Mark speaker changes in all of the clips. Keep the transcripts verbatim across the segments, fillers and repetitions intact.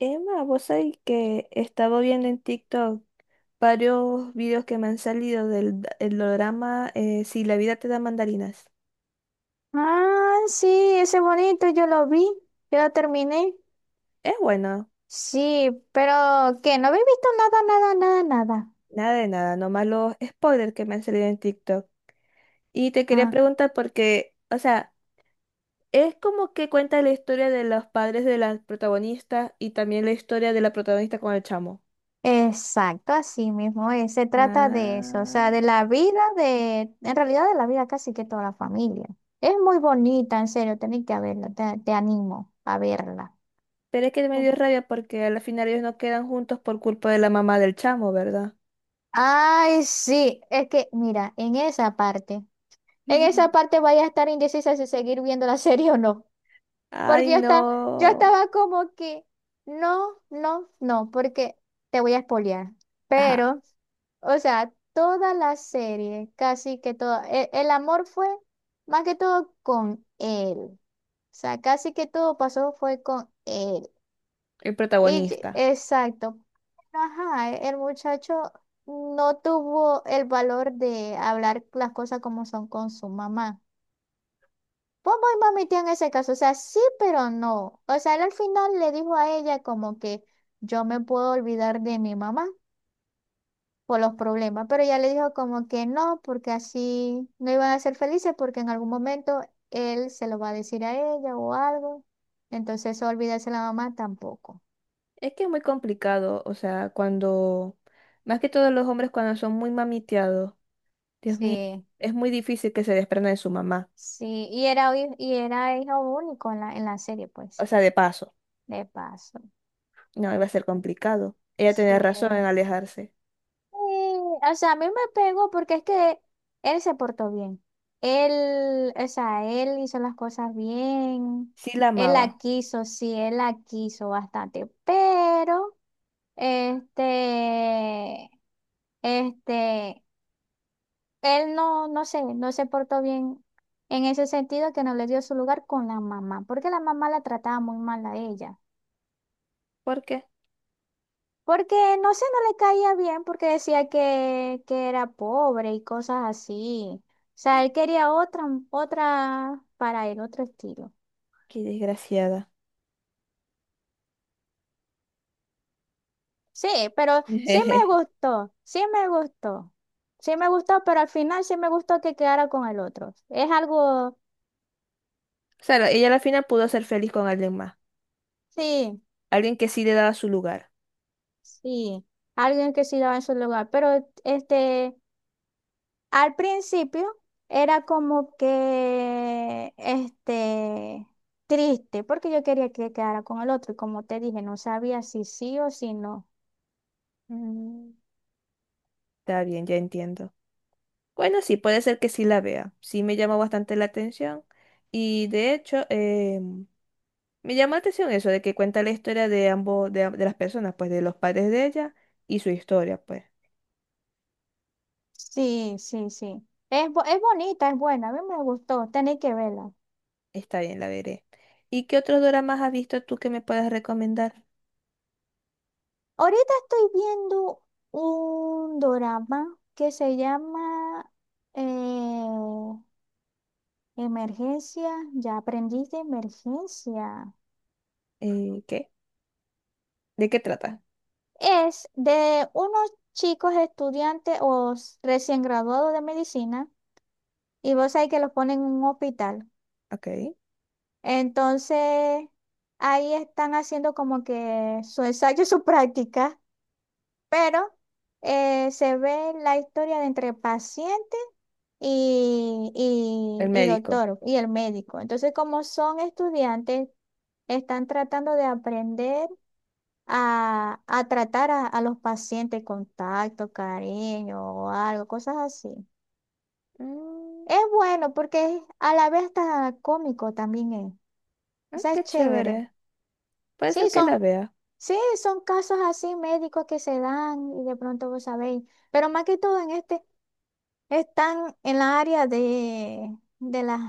Speaker 1: Emma, vos sabés que estaba viendo en TikTok varios videos que me han salido del d- el drama eh, Si la vida te da mandarinas.
Speaker 2: Ah, sí, ese bonito, yo lo vi, yo lo terminé.
Speaker 1: Es bueno,
Speaker 2: Sí, pero ¿qué? No habéis visto nada, nada, nada, nada.
Speaker 1: nada de nada, nomás los spoilers que me han salido en TikTok. Y te quería
Speaker 2: Ah,
Speaker 1: preguntar porque, o sea, es como que cuenta la historia de los padres de la protagonista y también la historia de la protagonista con el chamo.
Speaker 2: exacto, así mismo es. Se trata de eso, o sea,
Speaker 1: Ah,
Speaker 2: de la vida de, en realidad de la vida casi que toda la familia. Es muy bonita, en serio, tenéis que verla, te, te animo a verla.
Speaker 1: pero es que me dio rabia porque al final ellos no quedan juntos por culpa de la mamá del chamo, ¿verdad?
Speaker 2: Ay, sí, es que, mira, en esa parte, en esa parte vaya a estar indecisa si seguir viendo la serie o no.
Speaker 1: Ay,
Speaker 2: Porque yo estaba, yo
Speaker 1: no.
Speaker 2: estaba como que, no, no, no, porque te voy a espolear.
Speaker 1: Ajá,
Speaker 2: Pero, o sea, toda la serie, casi que todo, e- el, amor fue más que todo con él. O sea, casi que todo pasó fue con él.
Speaker 1: el
Speaker 2: Y, ye-
Speaker 1: protagonista.
Speaker 2: exacto. Ajá, e- el muchacho no tuvo el valor de hablar las cosas como son con su mamá. Bobo y Mami Tía en ese caso, o sea, sí, pero no. O sea, él al final le dijo a ella como que yo me puedo olvidar de mi mamá por los problemas, pero ella le dijo como que no, porque así no iban a ser felices porque en algún momento él se lo va a decir a ella o algo. Entonces, eso olvidarse de la mamá tampoco.
Speaker 1: Es que es muy complicado, o sea, cuando, más que todos los hombres cuando son muy mamiteados, Dios mío,
Speaker 2: Sí,
Speaker 1: es muy difícil que se desprendan de su mamá.
Speaker 2: Sí, y era, hi- y era hijo único en la, en la serie,
Speaker 1: O
Speaker 2: pues,
Speaker 1: sea, de paso,
Speaker 2: de paso.
Speaker 1: no, iba a ser complicado. Ella
Speaker 2: Sí.
Speaker 1: tenía razón en alejarse.
Speaker 2: Sí, o sea, a mí me pegó porque es que él se portó bien. Él, o sea, él hizo las cosas bien.
Speaker 1: Sí la
Speaker 2: Él la
Speaker 1: amaba.
Speaker 2: quiso, sí, él la quiso bastante. Pero, este, este, él no, no sé, no se portó bien en ese sentido que no le dio su lugar con la mamá, porque la mamá la trataba muy mal a ella.
Speaker 1: ¿Por qué?
Speaker 2: Porque no sé, no le caía bien porque decía que, que era pobre y cosas así. O sea, él quería otra, otra para él, otro estilo.
Speaker 1: Qué desgraciada.
Speaker 2: Sí, pero sí me gustó, sí me gustó. Sí me gustó, pero al final sí me gustó que quedara con el otro. Es algo,
Speaker 1: Claro, ella al final pudo ser feliz con alguien más,
Speaker 2: sí,
Speaker 1: alguien que sí le daba su lugar.
Speaker 2: sí, alguien que sí daba en su lugar. Pero este, Al principio era como que, este, triste, porque yo quería que quedara con el otro, y como te dije, no sabía si sí o si no.
Speaker 1: Mm, está bien, ya entiendo. Bueno, sí, puede ser que sí la vea. Sí me llamó bastante la atención. Y de hecho, eh, me llamó la atención eso de que cuenta la historia de ambos, de, de las personas, pues de los padres de ella y su historia, pues.
Speaker 2: Sí, sí, sí. Es, bo- es bonita, es buena, a mí me gustó, tenéis que verla.
Speaker 1: Está bien, la veré. ¿Y qué otros doramas has visto tú que me puedas recomendar?
Speaker 2: Ahorita estoy viendo un drama que se llama eh, Emergencia, ya aprendí de emergencia.
Speaker 1: Eh, ¿qué? ¿De qué trata?
Speaker 2: Es de unos chicos estudiantes o s- recién graduados de medicina y vos sabés que los ponen en un hospital.
Speaker 1: Ok.
Speaker 2: Entonces, ahí están haciendo como que su ensayo, su práctica, pero eh, se ve la historia de entre paciente y,
Speaker 1: El
Speaker 2: y, y
Speaker 1: médico.
Speaker 2: doctor y el médico. Entonces, como son estudiantes, están tratando de aprender a, a tratar a, a los pacientes con tacto, cariño o algo, cosas así.
Speaker 1: Mm,
Speaker 2: Es bueno porque es- a la vez está cómico también es. O
Speaker 1: ay,
Speaker 2: sea, es
Speaker 1: qué
Speaker 2: chévere.
Speaker 1: chévere. Puede ser
Speaker 2: Sí,
Speaker 1: que
Speaker 2: son,
Speaker 1: la vea.
Speaker 2: sí, son casos así médicos que se dan y de pronto vos sabéis. Pero más que todo en este, están en la área de, de las,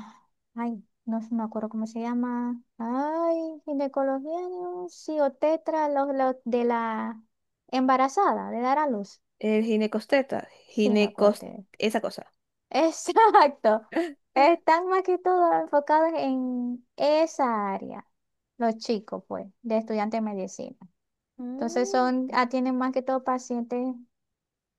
Speaker 2: ay, no sé, me acuerdo cómo se llama. Ay, ginecología, no, sí, o tetra, los, los de la embarazada, de dar a luz.
Speaker 1: El ginecosteta. Ginecos...
Speaker 2: Chinocote.
Speaker 1: Esa cosa.
Speaker 2: Exacto. Están más que todo enfocados en esa área, los chicos, pues, de estudiantes de medicina. Entonces
Speaker 1: Mm,
Speaker 2: son, atienden más que todo pacientes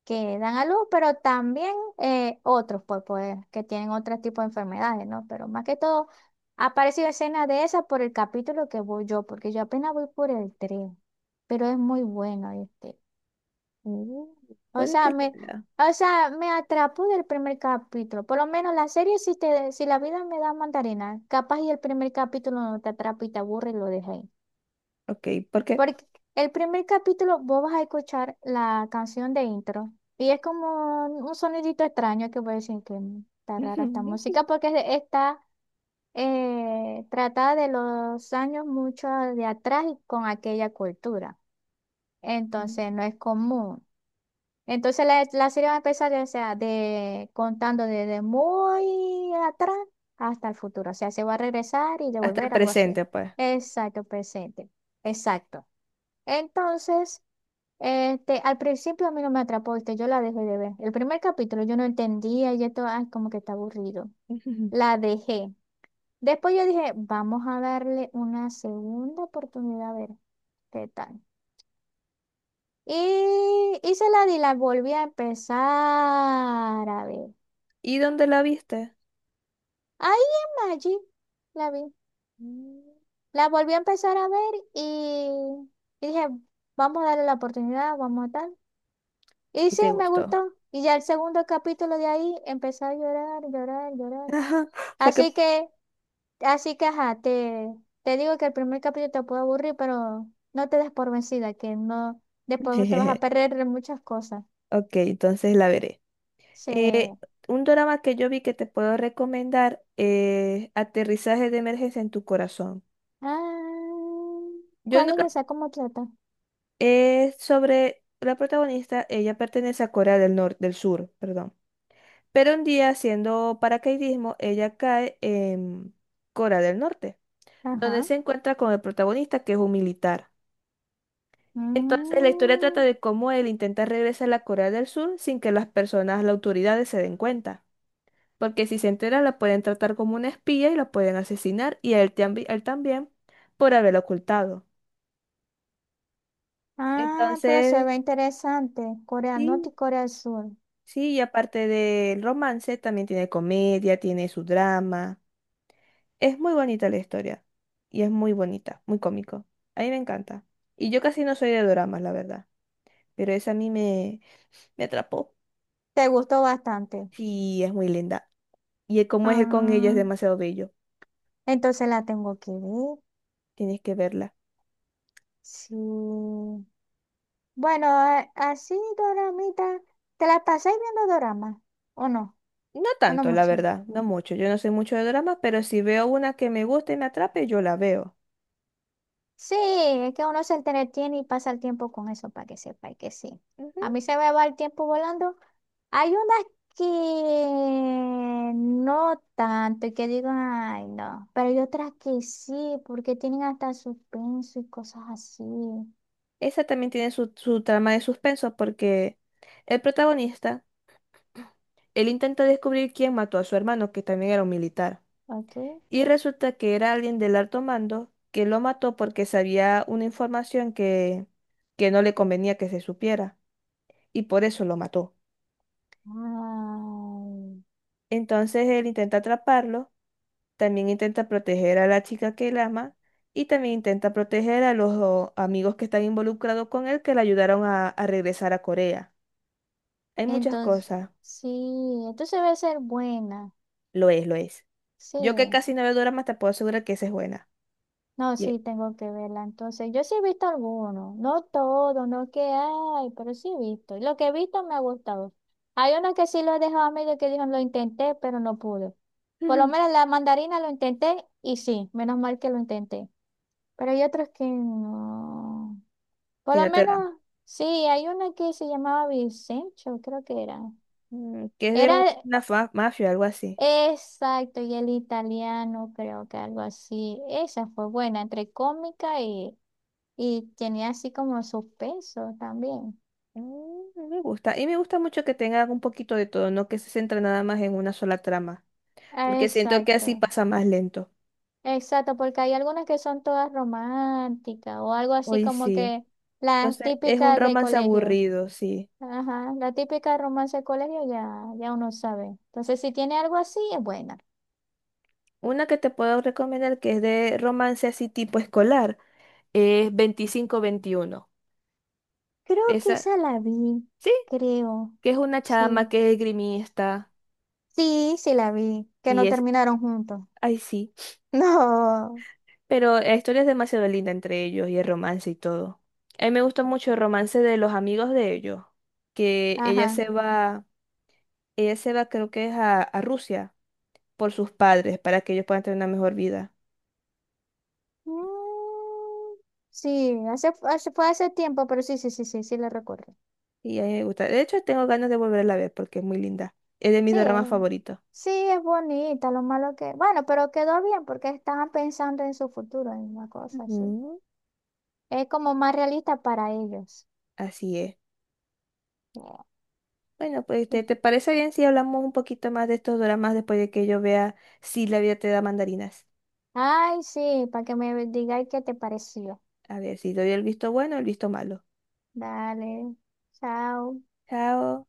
Speaker 2: que dan a luz, pero también eh, otros, pues, pues, que tienen otro tipo de enfermedades, ¿no? Pero más que todo, ha aparecido escena de esa por el capítulo que voy yo, porque yo apenas voy por el tres, pero es muy bueno, este.
Speaker 1: mm,
Speaker 2: O
Speaker 1: puede que
Speaker 2: sea,
Speaker 1: la
Speaker 2: me,
Speaker 1: vea.
Speaker 2: o sea, me atrapó del primer capítulo. Por lo menos la serie, si, te, si la vida me da mandarina, capaz y el primer capítulo no te atrapa y te aburre y lo dejas ahí.
Speaker 1: Ok, ¿por qué?
Speaker 2: Porque el primer capítulo vos vas a escuchar la canción de intro y es como un sonidito extraño que voy a decir que "Mm, está rara esta
Speaker 1: Ujú.
Speaker 2: música porque es de- está eh, tratada de los años mucho de atrás y con aquella cultura. Entonces no es común. Entonces la, la serie va a empezar, o sea, de, contando desde muy atrás hasta el futuro. O sea, se va a regresar y
Speaker 1: Hasta el
Speaker 2: devolver algo así.
Speaker 1: presente, pues.
Speaker 2: Exacto, presente. Exacto. Entonces, este, al principio a mí no me atrapó, este, yo la dejé de ver. El primer capítulo yo no entendía y esto, ay, como que está aburrido.
Speaker 1: Ujú.
Speaker 2: La dejé. Después yo dije, vamos a darle una segunda oportunidad a ver qué tal. Y, y se la di, la volví a empezar a ver.
Speaker 1: ¿Y dónde la viste?
Speaker 2: Ahí en Maggi la vi.
Speaker 1: Mm.
Speaker 2: La volví a empezar a ver y, y dije, vamos a darle la oportunidad, vamos a tal. Y
Speaker 1: Y
Speaker 2: sí,
Speaker 1: te
Speaker 2: me
Speaker 1: gustó.
Speaker 2: gustó. Y ya el segundo capítulo de ahí empecé a llorar, llorar,
Speaker 1: Ajá,
Speaker 2: llorar.
Speaker 1: o sea que...
Speaker 2: Así que, así que, ajá, te, te digo que el primer capítulo te puede aburrir, pero no te des por vencida, que no, después te vas a perder de muchas cosas.
Speaker 1: Ok, entonces la veré.
Speaker 2: Sí.
Speaker 1: Eh, un drama que yo vi que te puedo recomendar es Aterrizaje de emergencia en tu corazón.
Speaker 2: Ah,
Speaker 1: Yo
Speaker 2: ¿cuál es
Speaker 1: nunca...
Speaker 2: esa? ¿Cómo trata?
Speaker 1: Es sobre la protagonista, ella pertenece a Corea del Norte, del Sur, perdón. Pero un día haciendo paracaidismo, ella cae en Corea del Norte, donde
Speaker 2: Ajá.
Speaker 1: se encuentra con el protagonista, que es un militar. Entonces, la historia trata
Speaker 2: Mm.
Speaker 1: de cómo él intenta regresar a la Corea del Sur sin que las personas, las autoridades se den cuenta. Porque si se entera, la pueden tratar como una espía y la pueden asesinar, y a él, tambi- él también, por haberlo ocultado.
Speaker 2: Ah, pero se
Speaker 1: Entonces,
Speaker 2: ve interesante. Corea Norte
Speaker 1: sí,
Speaker 2: y Corea del Sur.
Speaker 1: sí, y aparte del romance, también tiene comedia, tiene su drama. Es muy bonita la historia. Y es muy bonita, muy cómico. A mí me encanta. Y yo casi no soy de dramas, la verdad. Pero esa a mí me, me atrapó.
Speaker 2: Te gustó bastante.
Speaker 1: Sí, es muy linda. Y el cómo es él con ella es
Speaker 2: Ah,
Speaker 1: demasiado bello.
Speaker 2: entonces la tengo que ver.
Speaker 1: Tienes que verla.
Speaker 2: Sí. Bueno, a- así, Doramita, ¿te la pasáis viendo Dorama? ¿O no?
Speaker 1: No
Speaker 2: ¿O no
Speaker 1: tanto, la
Speaker 2: mucho?
Speaker 1: verdad, no mucho. Yo no sé mucho de dramas, pero si veo una que me gusta y me atrape, yo la veo.
Speaker 2: Sí, es que uno se entretiene y pasa el tiempo con eso para que sepa y que sí.
Speaker 1: Ujú.
Speaker 2: A mí se me va el tiempo volando. Hay unas que no tanto y que digo, ay, no, pero hay otras que sí, porque tienen hasta suspenso y cosas así.
Speaker 1: Esa también tiene su, su trama de suspenso porque el protagonista, él intenta descubrir quién mató a su hermano, que también era un militar.
Speaker 2: ¿Ok?
Speaker 1: Y resulta que era alguien del alto mando que lo mató porque sabía una información que, que no le convenía que se supiera. Y por eso lo mató.
Speaker 2: Ay.
Speaker 1: Entonces él intenta atraparlo, también intenta proteger a la chica que él ama y también intenta proteger a los o, amigos que están involucrados con él que le ayudaron a, a regresar a Corea. Hay muchas
Speaker 2: Entonces,
Speaker 1: cosas.
Speaker 2: sí, entonces debe ser buena.
Speaker 1: Lo es, lo es.
Speaker 2: Sí.
Speaker 1: Yo que casi no veo dramas te puedo asegurar que esa es buena.
Speaker 2: No,
Speaker 1: Y-
Speaker 2: sí, tengo que verla. Entonces, yo sí he visto algunos, no todo, no que hay, pero sí he visto. Y lo que he visto me ha gustado. Hay uno que sí lo he dejado a medio que dijo, lo intenté, pero no pude. Por lo
Speaker 1: ujú.
Speaker 2: menos la mandarina lo intenté y sí, menos mal que lo intenté. Pero hay otros que no. Por
Speaker 1: Que
Speaker 2: lo
Speaker 1: no te da.
Speaker 2: menos, sí, hay uno que se llamaba Vicencio, creo que era.
Speaker 1: Mm, que es de
Speaker 2: Era
Speaker 1: un- una fa- mafia, algo así.
Speaker 2: exacto, y el italiano, creo que algo así. Esa fue buena, entre cómica y Y tenía así como sus pesos también.
Speaker 1: Mm, no me gusta. Y me gusta mucho que tenga un poquito de todo, no que se centre nada más en una sola trama.
Speaker 2: Ah,
Speaker 1: Porque siento que así
Speaker 2: exacto,
Speaker 1: pasa más lento.
Speaker 2: exacto, porque hay algunas que son todas románticas o algo así
Speaker 1: Hoy
Speaker 2: como
Speaker 1: sí.
Speaker 2: que las
Speaker 1: Entonces, es un
Speaker 2: típicas de
Speaker 1: romance
Speaker 2: colegio.
Speaker 1: aburrido, sí.
Speaker 2: Ajá, la típica romance de colegio ya, ya uno sabe. Entonces, si tiene algo así, es buena.
Speaker 1: Una que te puedo recomendar que es de romance así tipo escolar es veinticinco veintiuno.
Speaker 2: Creo que
Speaker 1: Esa,
Speaker 2: esa la vi,
Speaker 1: sí,
Speaker 2: creo.
Speaker 1: que es una
Speaker 2: Sí,
Speaker 1: chama que es grimista.
Speaker 2: sí, sí la vi, que
Speaker 1: Sí,
Speaker 2: no
Speaker 1: es,
Speaker 2: terminaron juntos.
Speaker 1: ay, sí.
Speaker 2: No,
Speaker 1: Pero la historia es demasiado linda entre ellos y el romance y todo. A mí me gusta mucho el romance de los amigos de ellos, que ella
Speaker 2: ajá.
Speaker 1: se va, ella se va, creo que es a, a Rusia por sus padres para que ellos puedan tener una mejor vida.
Speaker 2: Mm, sí, hace, hace- fue hace tiempo, pero sí, sí, sí, sí, sí la recuerdo.
Speaker 1: Y a mí me gusta. De hecho, tengo ganas de volverla a ver porque es muy linda. Es de mis
Speaker 2: Sí,
Speaker 1: dramas favoritos.
Speaker 2: sí, es bonita, lo malo que... Bueno, pero quedó bien porque estaban pensando en su futuro, en una cosa así.
Speaker 1: Ujú,
Speaker 2: Es como más realista para ellos.
Speaker 1: así es.
Speaker 2: Yeah.
Speaker 1: Bueno, pues ¿te, te parece bien si hablamos un poquito más de estos dramas después de que yo vea si la vida te da mandarinas?
Speaker 2: Ay, sí, para que me digáis qué te pareció.
Speaker 1: A ver si doy el visto bueno o el visto malo.
Speaker 2: Dale, chao.
Speaker 1: Chao.